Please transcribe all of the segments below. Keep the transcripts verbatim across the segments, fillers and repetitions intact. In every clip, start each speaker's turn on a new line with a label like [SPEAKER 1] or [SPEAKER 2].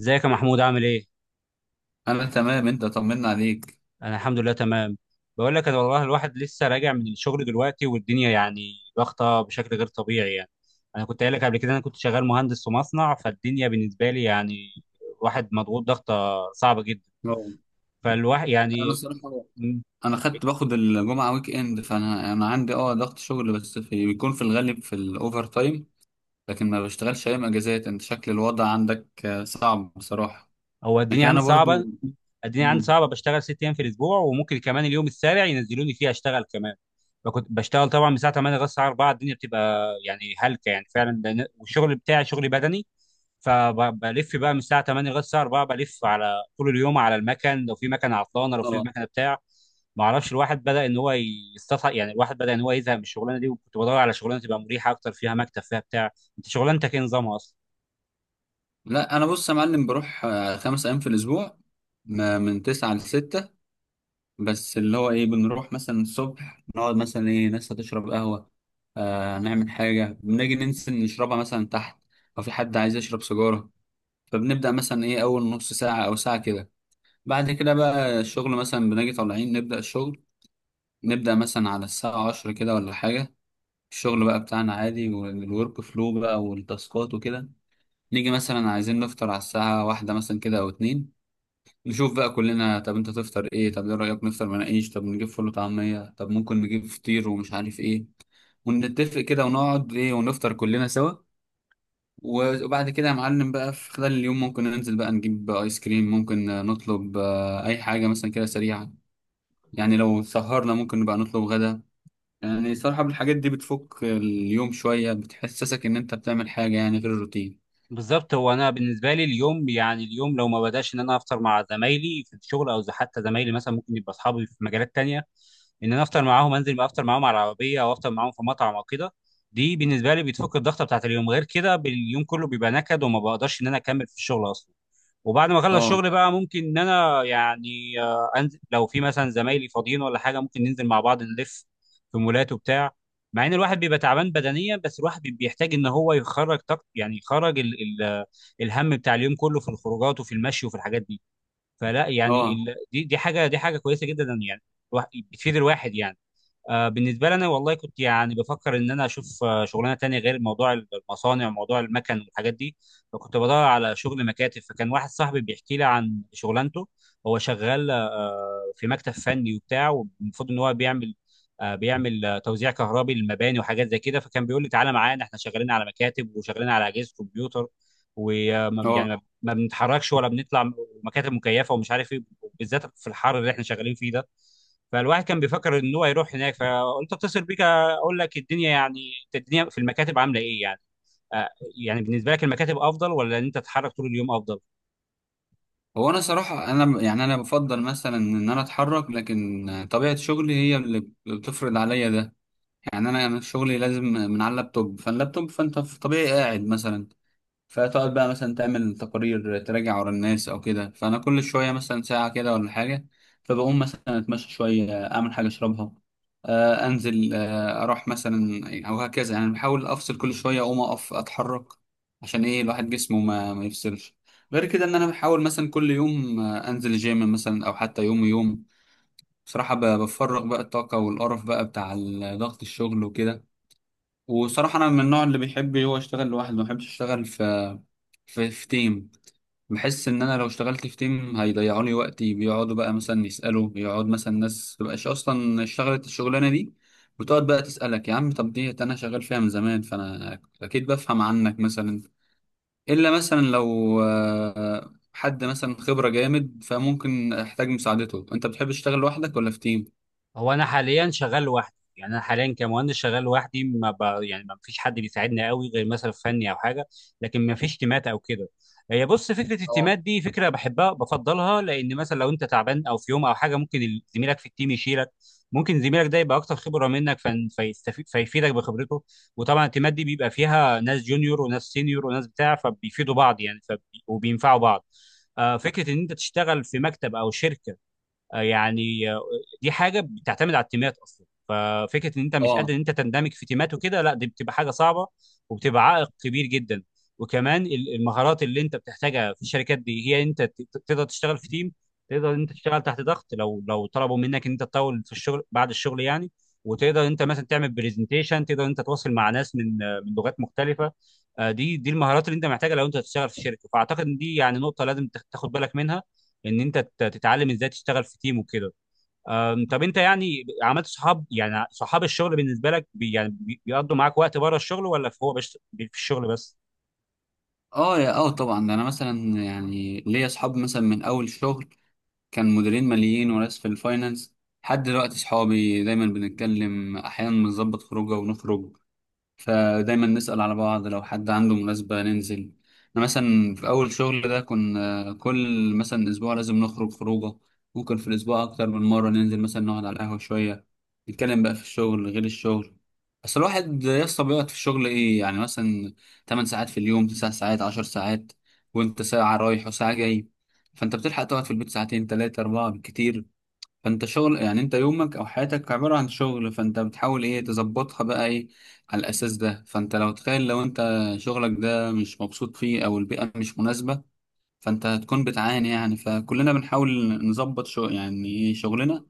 [SPEAKER 1] ازيك يا محمود، عامل ايه؟
[SPEAKER 2] انا تمام، انت طمنا عليك.
[SPEAKER 1] انا الحمد لله تمام. بقول لك، انا والله الواحد لسه راجع من الشغل دلوقتي، والدنيا يعني ضغطه بشكل غير طبيعي يعني. انا كنت قايل لك قبل كده انا كنت شغال مهندس في مصنع، فالدنيا بالنسبه لي يعني الواحد مضغوط ضغطه صعبه جدا.
[SPEAKER 2] اه
[SPEAKER 1] فالواحد
[SPEAKER 2] انا
[SPEAKER 1] يعني،
[SPEAKER 2] الصراحه، انا خدت باخد الجمعه ويك اند، فانا انا عندي اه ضغط شغل، بس في بيكون في الغالب في الاوفر تايم. لكن ما بشتغلش ايام اجازات. انت شكل الوضع عندك آه، صعب بصراحه.
[SPEAKER 1] هو الدنيا
[SPEAKER 2] لكن
[SPEAKER 1] عندي
[SPEAKER 2] انا برضو.
[SPEAKER 1] صعبه الدنيا عندي
[SPEAKER 2] مم.
[SPEAKER 1] صعبه، بشتغل ست ايام في الاسبوع وممكن كمان اليوم السابع ينزلوني فيه اشتغل كمان. فكنت بشتغل طبعا من الساعه تمانية لغايه الساعه اربعة، الدنيا بتبقى يعني هلكه يعني فعلا، لأن- والشغل بتاعي شغل بدني. فبلف بقى من الساعه تمانية لغايه الساعه اربعة، بلف على طول اليوم على المكن، لو في مكنه عطلانه لو في
[SPEAKER 2] اه.
[SPEAKER 1] مكنه بتاع، ما اعرفش. الواحد بدا ان هو يستطع يعني الواحد بدا ان هو يزهق من الشغلانه دي، وكنت بدور على شغلانه تبقى مريحه اكتر، فيها مكتب فيها بتاع. انت شغلانتك ايه نظامها اصلا؟
[SPEAKER 2] لا انا بص يا معلم، بروح آه، خمس ايام في الاسبوع، ما- من تسعة لستة. بس اللي هو ايه، بنروح مثلا الصبح نقعد مثلا ايه، ناس هتشرب قهوة، آه نعمل حاجة، بنيجي ننسى نشربها مثلا تحت، او في حد عايز يشرب سيجارة. فبنبدأ مثلا ايه اول نص ساعة او ساعة كده. بعد كده بقى الشغل، مثلا بنيجي طالعين نبدأ الشغل، نبدأ مثلا على الساعة عشرة كده ولا حاجة. الشغل بقى بتاعنا عادي، والورك فلو بقى والتاسكات وكده. نيجي مثلا عايزين نفطر على الساعة واحدة مثلا كده أو اتنين، نشوف بقى كلنا، طب انت تفطر ايه، طب ايه رأيك نفطر مناقيش، طب نجيب فول وطعمية، طب ممكن نجيب فطير ومش عارف ايه. ونتفق كده ونقعد ايه ونفطر كلنا سوا. وبعد كده يا معلم بقى في خلال اليوم ممكن ننزل بقى نجيب ايس كريم، ممكن نطلب آه، اي حاجة مثلا كده سريعة. يعني لو سهرنا ممكن نبقى نطلب غدا. يعني صراحة الحاجات دي بتفك اليوم شوية، بتحسسك ان انت بتعمل حاجة يعني غير الروتين.
[SPEAKER 1] بالظبط. هو انا بالنسبه لي اليوم يعني اليوم لو ما بداش ان انا افطر مع زمايلي في الشغل، او حتى زمايلي مثلا ممكن يبقى اصحابي في مجالات تانية، ان انا افطر معاهم، انزل بقى افطر معاهم على العربيه او افطر معاهم في مطعم او كده، دي بالنسبه لي بتفك الضغطه بتاعت اليوم. غير كده اليوم كله بيبقى نكد وما بقدرش ان انا اكمل في الشغل اصلا. وبعد ما اخلص
[SPEAKER 2] اه.
[SPEAKER 1] شغل بقى ممكن ان انا يعني آه، انزل، لو في مثلا زمايلي فاضيين ولا حاجه ممكن ننزل مع بعض نلف في مولات وبتاع. مع ان الواحد بيبقى تعبان بدنيا، بس الواحد بي- بيحتاج ان هو يخرج طاقة، يعني يخرج ال ال الهم بتاع اليوم كله في الخروجات وفي المشي وفي الحاجات دي. فلا يعني
[SPEAKER 2] اه.
[SPEAKER 1] ال دي دي حاجه دي حاجه كويسه جدا يعني، الواحد- بتفيد الواحد يعني. آه، بالنسبه لي انا والله كنت يعني بفكر ان انا اشوف آه، شغلانه تانية غير موضوع المصانع وموضوع المكن والحاجات دي. فكنت بدور على شغل مكاتب، فكان واحد صاحبي بيحكي لي عن شغلانته. هو شغال آه، في مكتب فني وبتاع، والمفروض ان هو بيعمل آه، بيعمل آه، توزيع كهربي للمباني وحاجات زي كده. فكان بيقول لي: تعالى معانا، احنا شغالين على مكاتب وشغالين على اجهزه كمبيوتر، ويعني
[SPEAKER 2] اه.
[SPEAKER 1] ما ما بنتحركش ولا بنطلع، مكاتب مكيفه ومش عارف ايه، بالذات في الحر اللي احنا شغالين فيه ده. فالواحد كان بيفكر ان هو يروح هناك، فقلت اتصل بيك اقول لك الدنيا يعني الدنيا في المكاتب عامله ايه يعني. آه، يعني بالنسبه لك المكاتب افضل، ولا ان انت تتحرك طول اليوم افضل؟
[SPEAKER 2] هو انا صراحه انا يعني انا بفضل مثلا ان انا اتحرك، لكن طبيعه شغلي هي اللي بتفرض عليا ده. يعني انا أنا شغلي لازم من على اللابتوب، فاللابتوب فانت في طبيعي قاعد مثلا. فتقعد بقى مثلا تعمل تقارير، تراجع ورا الناس او كده. فانا كل شويه مثلا ساعه كده ولا حاجه فبقوم مثلا اتمشى شويه، اعمل حاجه اشربها، آه انزل، آه اروح مثلا، او هكذا. يعني بحاول افصل كل شويه، اقوم اقف اتحرك، عشان ايه، الواحد جسمه ما, ما يفصلش. غير كده ان انا بحاول مثلا كل يوم آه انزل الجيم مثلا، او حتى يوم يوم بصراحه ب- بفرغ بقى الطاقه والقرف بقى بتاع ال- ضغط الشغل وكده. وصراحة أنا من النوع اللي بيحب هو يشتغل لوحده، ما بحبش أشتغل في في في تيم. بحس إن أنا لو اشتغلت في تيم هيضيعوا لي وقتي، بيقعدوا بقى مثلا يسألوا، يقعد مثلا ناس مبقاش أصلا اشتغلت الشغلانة دي وتقعد بقى تسألك يا عم، طب ديت أنا شغال فيها من زمان فأنا أكيد بفهم عنك مثلا. إلا مثلا لو آه، حد مثلا خبرة جامد فممكن أحتاج مساعدته. أنت بتحب تشتغل لوحدك ولا في تيم؟
[SPEAKER 1] هو انا حاليا شغال لوحدي، يعني انا حاليا كمهندس شغال لوحدي، ما ب... يعني ما فيش حد بيساعدني قوي غير مثلا في فني او حاجه، لكن ما فيش تيمات او كده. هي بص، فكره
[SPEAKER 2] اه.
[SPEAKER 1] التيمات دي فكره بحبها بفضلها، لان مثلا لو انت تعبان او في يوم او حاجه ممكن ال- زميلك في التيم يشيلك. ممكن زميلك ده يبقى اكتر خبره منك، فن... فيستفيد، فيفيدك بخبرته. وطبعا التيمات دي بيبقى فيها ناس جونيور وناس سينيور وناس بتاع، فبيفيدوا بعض يعني، فبي... وبينفعوا بعض. آه، فكره ان انت تشتغل في مكتب او شركه، آه، يعني آه، دي حاجه بتعتمد على التيمات اصلا. ففكره ان انت مش
[SPEAKER 2] اه.
[SPEAKER 1] قادر ان انت تندمج في تيمات وكده، لا، دي بتبقى حاجه صعبه، وبتبقى عائق كبير جدا. وكمان ال- المهارات اللي انت بتحتاجها في الشركات دي هي انت ت- ت- تقدر تشتغل في تيم، تقدر ان انت تشتغل تحت ضغط لو لو طلبوا منك ان انت تطول في الشغل بعد الشغل يعني. وتقدر انت مثلا تعمل برزنتيشن، تقدر انت تتواصل مع ناس من آه، من لغات مختلفه. آه، دي دي المهارات اللي انت محتاجها لو انت هتشتغل في شركه، فاعتقد ان دي يعني نقطه لازم تاخد بالك منها، ان انت تت- تتعلم ازاي تشتغل في تيم وكده. أم، طب انت يعني عملت صحاب، يعني صحاب الشغل بالنسبه لك بي يعني بي- بيقضوا معاك وقت بره الشغل، ولا في هو بس في الشغل بس؟
[SPEAKER 2] اه يا اه طبعا، ده انا مثلا يعني ليا اصحاب مثلا من اول شغل، كان مديرين ماليين وناس في الفاينانس، لحد دلوقتي اصحابي دايما بنتكلم، احيانا بنظبط خروجه ونخرج. فدايما نسأل على بعض، لو حد عنده مناسبة ننزل. أنا مثلا في أول شغل ده كنا كل مثلا أسبوع لازم نخرج خروجة، ممكن في الأسبوع أكتر من مرة ننزل مثلا نقعد على القهوة شوية، نتكلم بقى في الشغل غير الشغل. بس الواحد يسطا بيقعد في الشغل إيه يعني، مثلا تمن ساعات في اليوم، تسع ساعات، عشر ساعات. وأنت ساعة رايح وساعة جاي، فأنت بتلحق تقعد في البيت ساعتين تلاتة أربعة بالكتير. فانت شغل يعني، انت يومك او حياتك عبارة عن شغل، فانت بتحاول ايه تظبطها بقى ايه على الاساس ده. فانت لو تخيل لو انت شغلك ده مش مبسوط فيه او البيئة مش مناسبة، فانت هتكون بتعاني يعني. فكلنا بنحاول نظبط شو يعني ايه شغلنا،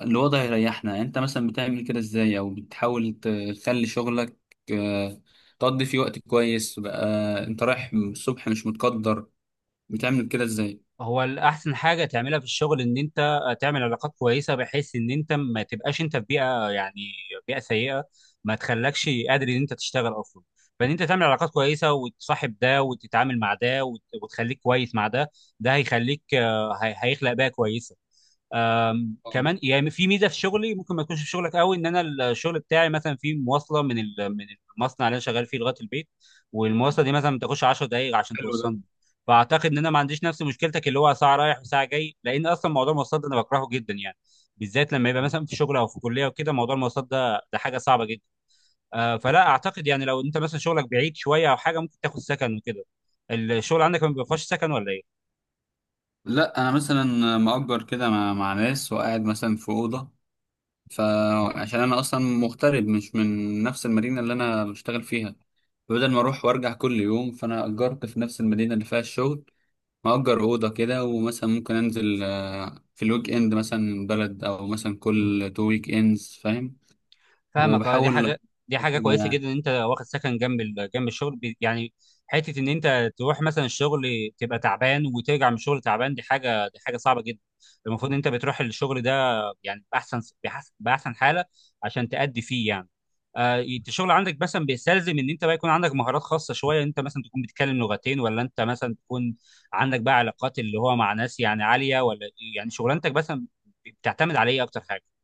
[SPEAKER 2] الوضع يريحنا. يعني انت مثلا بتعمل كده ازاي، او بتحاول تخلي شغلك آه، تقضي فيه وقت كويس بقى. انت رايح الصبح مش متقدر، بتعمل كده ازاي؟
[SPEAKER 1] هو الاحسن حاجه تعملها في الشغل ان انت تعمل علاقات كويسه، بحيث ان انت ما تبقاش انت في بيئه يعني بيئه سيئه ما تخلكش قادر ان انت تشتغل اصلا. فان انت تعمل علاقات كويسه، وتصاحب ده، وتتعامل مع ده، وت- وتخليك كويس مع ده، ده هيخليك آه، هي- هيخلق بيئه كويسه. آم،
[SPEAKER 2] آه،
[SPEAKER 1] كمان يعني في ميزه في شغلي ممكن ما تكونش في شغلك قوي، ان انا الشغل بتاعي مثلا في مواصله من ال- من المصنع اللي انا شغال فيه لغايه البيت، والمواصله دي مثلا ما بتاخدش 10 دقائق عشان
[SPEAKER 2] حلو ده.
[SPEAKER 1] توصلني. فاعتقد ان انا ما عنديش نفس مشكلتك اللي هو ساعه رايح وساعه جاي، لان اصلا موضوع المواصلات ده انا بكرهه جدا يعني، بالذات لما يبقى مثلا في شغل او في كليه وكده، موضوع المواصلات ده، ده حاجه صعبه جدا. آه، فلا اعتقد يعني، لو انت مثلا شغلك بعيد شويه او حاجه ممكن تاخد سكن وكده. الشغل عندك ما بيبقاش سكن ولا ايه؟
[SPEAKER 2] لا انا مثلا مأجر كده مع, مع ناس وقاعد مثلا في اوضه، فعشان انا اصلا مغترب، مش من نفس المدينه اللي انا بشتغل فيها. فبدل ما اروح وارجع كل يوم فانا اجرت في نفس المدينه اللي فيها الشغل. مأجر اوضه كده، ومثلا ممكن انزل آه، في الويك اند مثلا بلد، او مثلا كل تو ويك اندز، فاهم.
[SPEAKER 1] فاهمك. اه، دي
[SPEAKER 2] وبحاول
[SPEAKER 1] حاجه، دي حاجه كويسه
[SPEAKER 2] كده
[SPEAKER 1] جدا ان انت واخد سكن جنب ال- جنب الشغل، بي- يعني حته ان انت تروح مثلا الشغل تبقى تعبان وترجع من الشغل تعبان، دي حاجه، دي حاجه صعبه جدا. المفروض ان انت بتروح الشغل ده يعني باحسن بحس- باحسن حاله عشان تأدي فيه يعني. آه، انت الشغل عندك مثلا بيستلزم ان انت بقى يكون عندك مهارات خاصه شويه، انت مثلا تكون بتتكلم لغتين، ولا انت مثلا تكون عندك بقى علاقات اللي هو مع ناس يعني عاليه، ولا يعني شغلانتك مثلا بتعتمد على ايه اكتر حاجه؟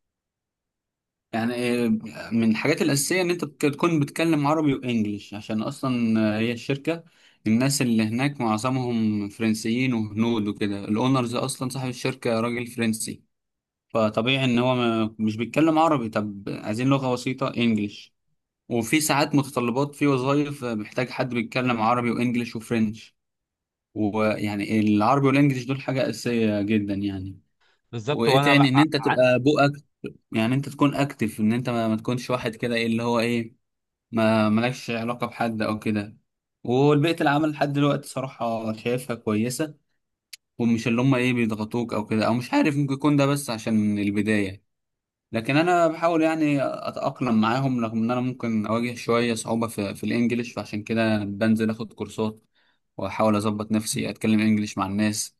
[SPEAKER 2] يعني. آه، من الحاجات الأساسية إن أنت بت- تكون بتتكلم عربي وإنجليش، عشان أصلا آه، هي الشركة الناس اللي هناك معظمهم فرنسيين وهنود وكده، الأونرز أصلا صاحب الشركة راجل فرنسي، فطبيعي إن هو ما مش بيتكلم عربي. طب عايزين لغة بسيطة إنجليش. وفي ساعات متطلبات في وظائف آه، محتاج حد بيتكلم عربي وإنجليش وفرنش. ويعني العربي والإنجليش دول حاجة أساسية جدا يعني.
[SPEAKER 1] بالظبط.
[SPEAKER 2] وإيه
[SPEAKER 1] وانا
[SPEAKER 2] تاني، إن
[SPEAKER 1] بقى،
[SPEAKER 2] أنت تبقى بوقك، يعني انت تكون اكتف، ان انت ما, ما تكونش واحد كده ايه اللي هو ايه، ما مالكش علاقة بحد او كده. والبيئة العمل لحد دلوقتي صراحة شايفها كويسة، ومش اللي هم ايه بيضغطوك او كده، او مش عارف ممكن يكون ده بس عشان البداية. لكن انا بحاول يعني اتأقلم معاهم، رغم ان انا ممكن اواجه شوية صعوبة في, في الانجليش، فعشان كده بنزل اخد كورسات واحاول اظبط نفسي اتكلم انجليش مع الناس،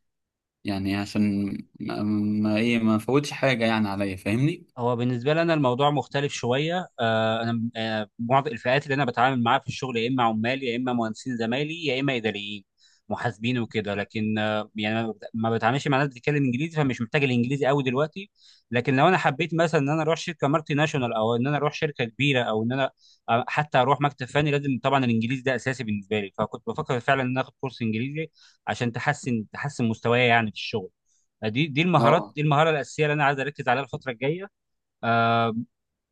[SPEAKER 2] يعني عشان ما ما- ايه ما فوتش حاجة يعني عليا، فاهمني.
[SPEAKER 1] هو بالنسبه لي انا الموضوع مختلف شويه، آه انا آه معظم الفئات اللي انا بتعامل معاها في الشغل يا اما عمال يا اما مهندسين زمايلي يا اما اداريين محاسبين وكده. لكن آه يعني أنا ما بتعاملش مع ناس بتتكلم انجليزي، فمش محتاج الانجليزي قوي دلوقتي. لكن لو انا حبيت مثلا ان انا اروح شركه مالتي ناشونال، او ان انا اروح شركه كبيره، او ان انا آه حتى اروح مكتب فني، لازم طبعا الانجليزي ده اساسي بالنسبه لي. فكنت بفكر فعلا ان أنا اخد كورس انجليزي عشان تحسن تحسن مستواي يعني في الشغل. دي دي المهارات،
[SPEAKER 2] اه.
[SPEAKER 1] دي المهاره الاساسيه اللي انا عايز اركز عليها الفتره الجايه. آه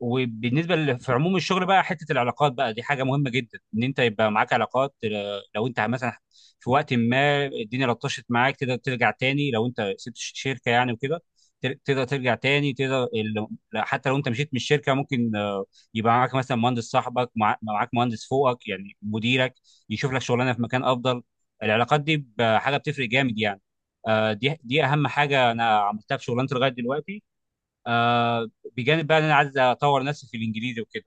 [SPEAKER 1] وبالنسبه ل- في عموم الشغل بقى، حته العلاقات بقى دي حاجه مهمه جدا، ان انت يبقى معاك علاقات، آه، لو انت مثلا في وقت ما الدنيا لطشت معاك تقدر ترجع تاني، لو انت سبت ش- شركه يعني وكده، تر- تقدر ترجع تاني، تقدر ال- لا، حتى لو انت مشيت من الشركه ممكن آه، يبقى معاك مثلا مهندس صاحبك، مع- معاك مهندس فوقك يعني مديرك يشوف لك شغلانه في مكان افضل. العلاقات دي ب- حاجه بتفرق جامد يعني. آه، دي دي اهم حاجه انا عملتها في شغلانتي لغايه دلوقتي. آه بجانب بقى ان انا عايز اطور نفسي في الانجليزي وكده.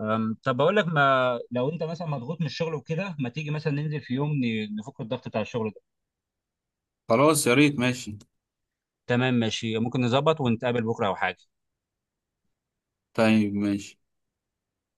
[SPEAKER 1] آم، طب بقول لك، ما لو انت مثلا مضغوط من الشغل وكده، ما تيجي مثلا ننزل في يوم ن- نفك الضغط بتاع الشغل ده؟
[SPEAKER 2] خلاص يا ريت، ماشي.
[SPEAKER 1] تمام، ماشي، ممكن نظبط ونتقابل بكره او حاجه.
[SPEAKER 2] طيب ماشي.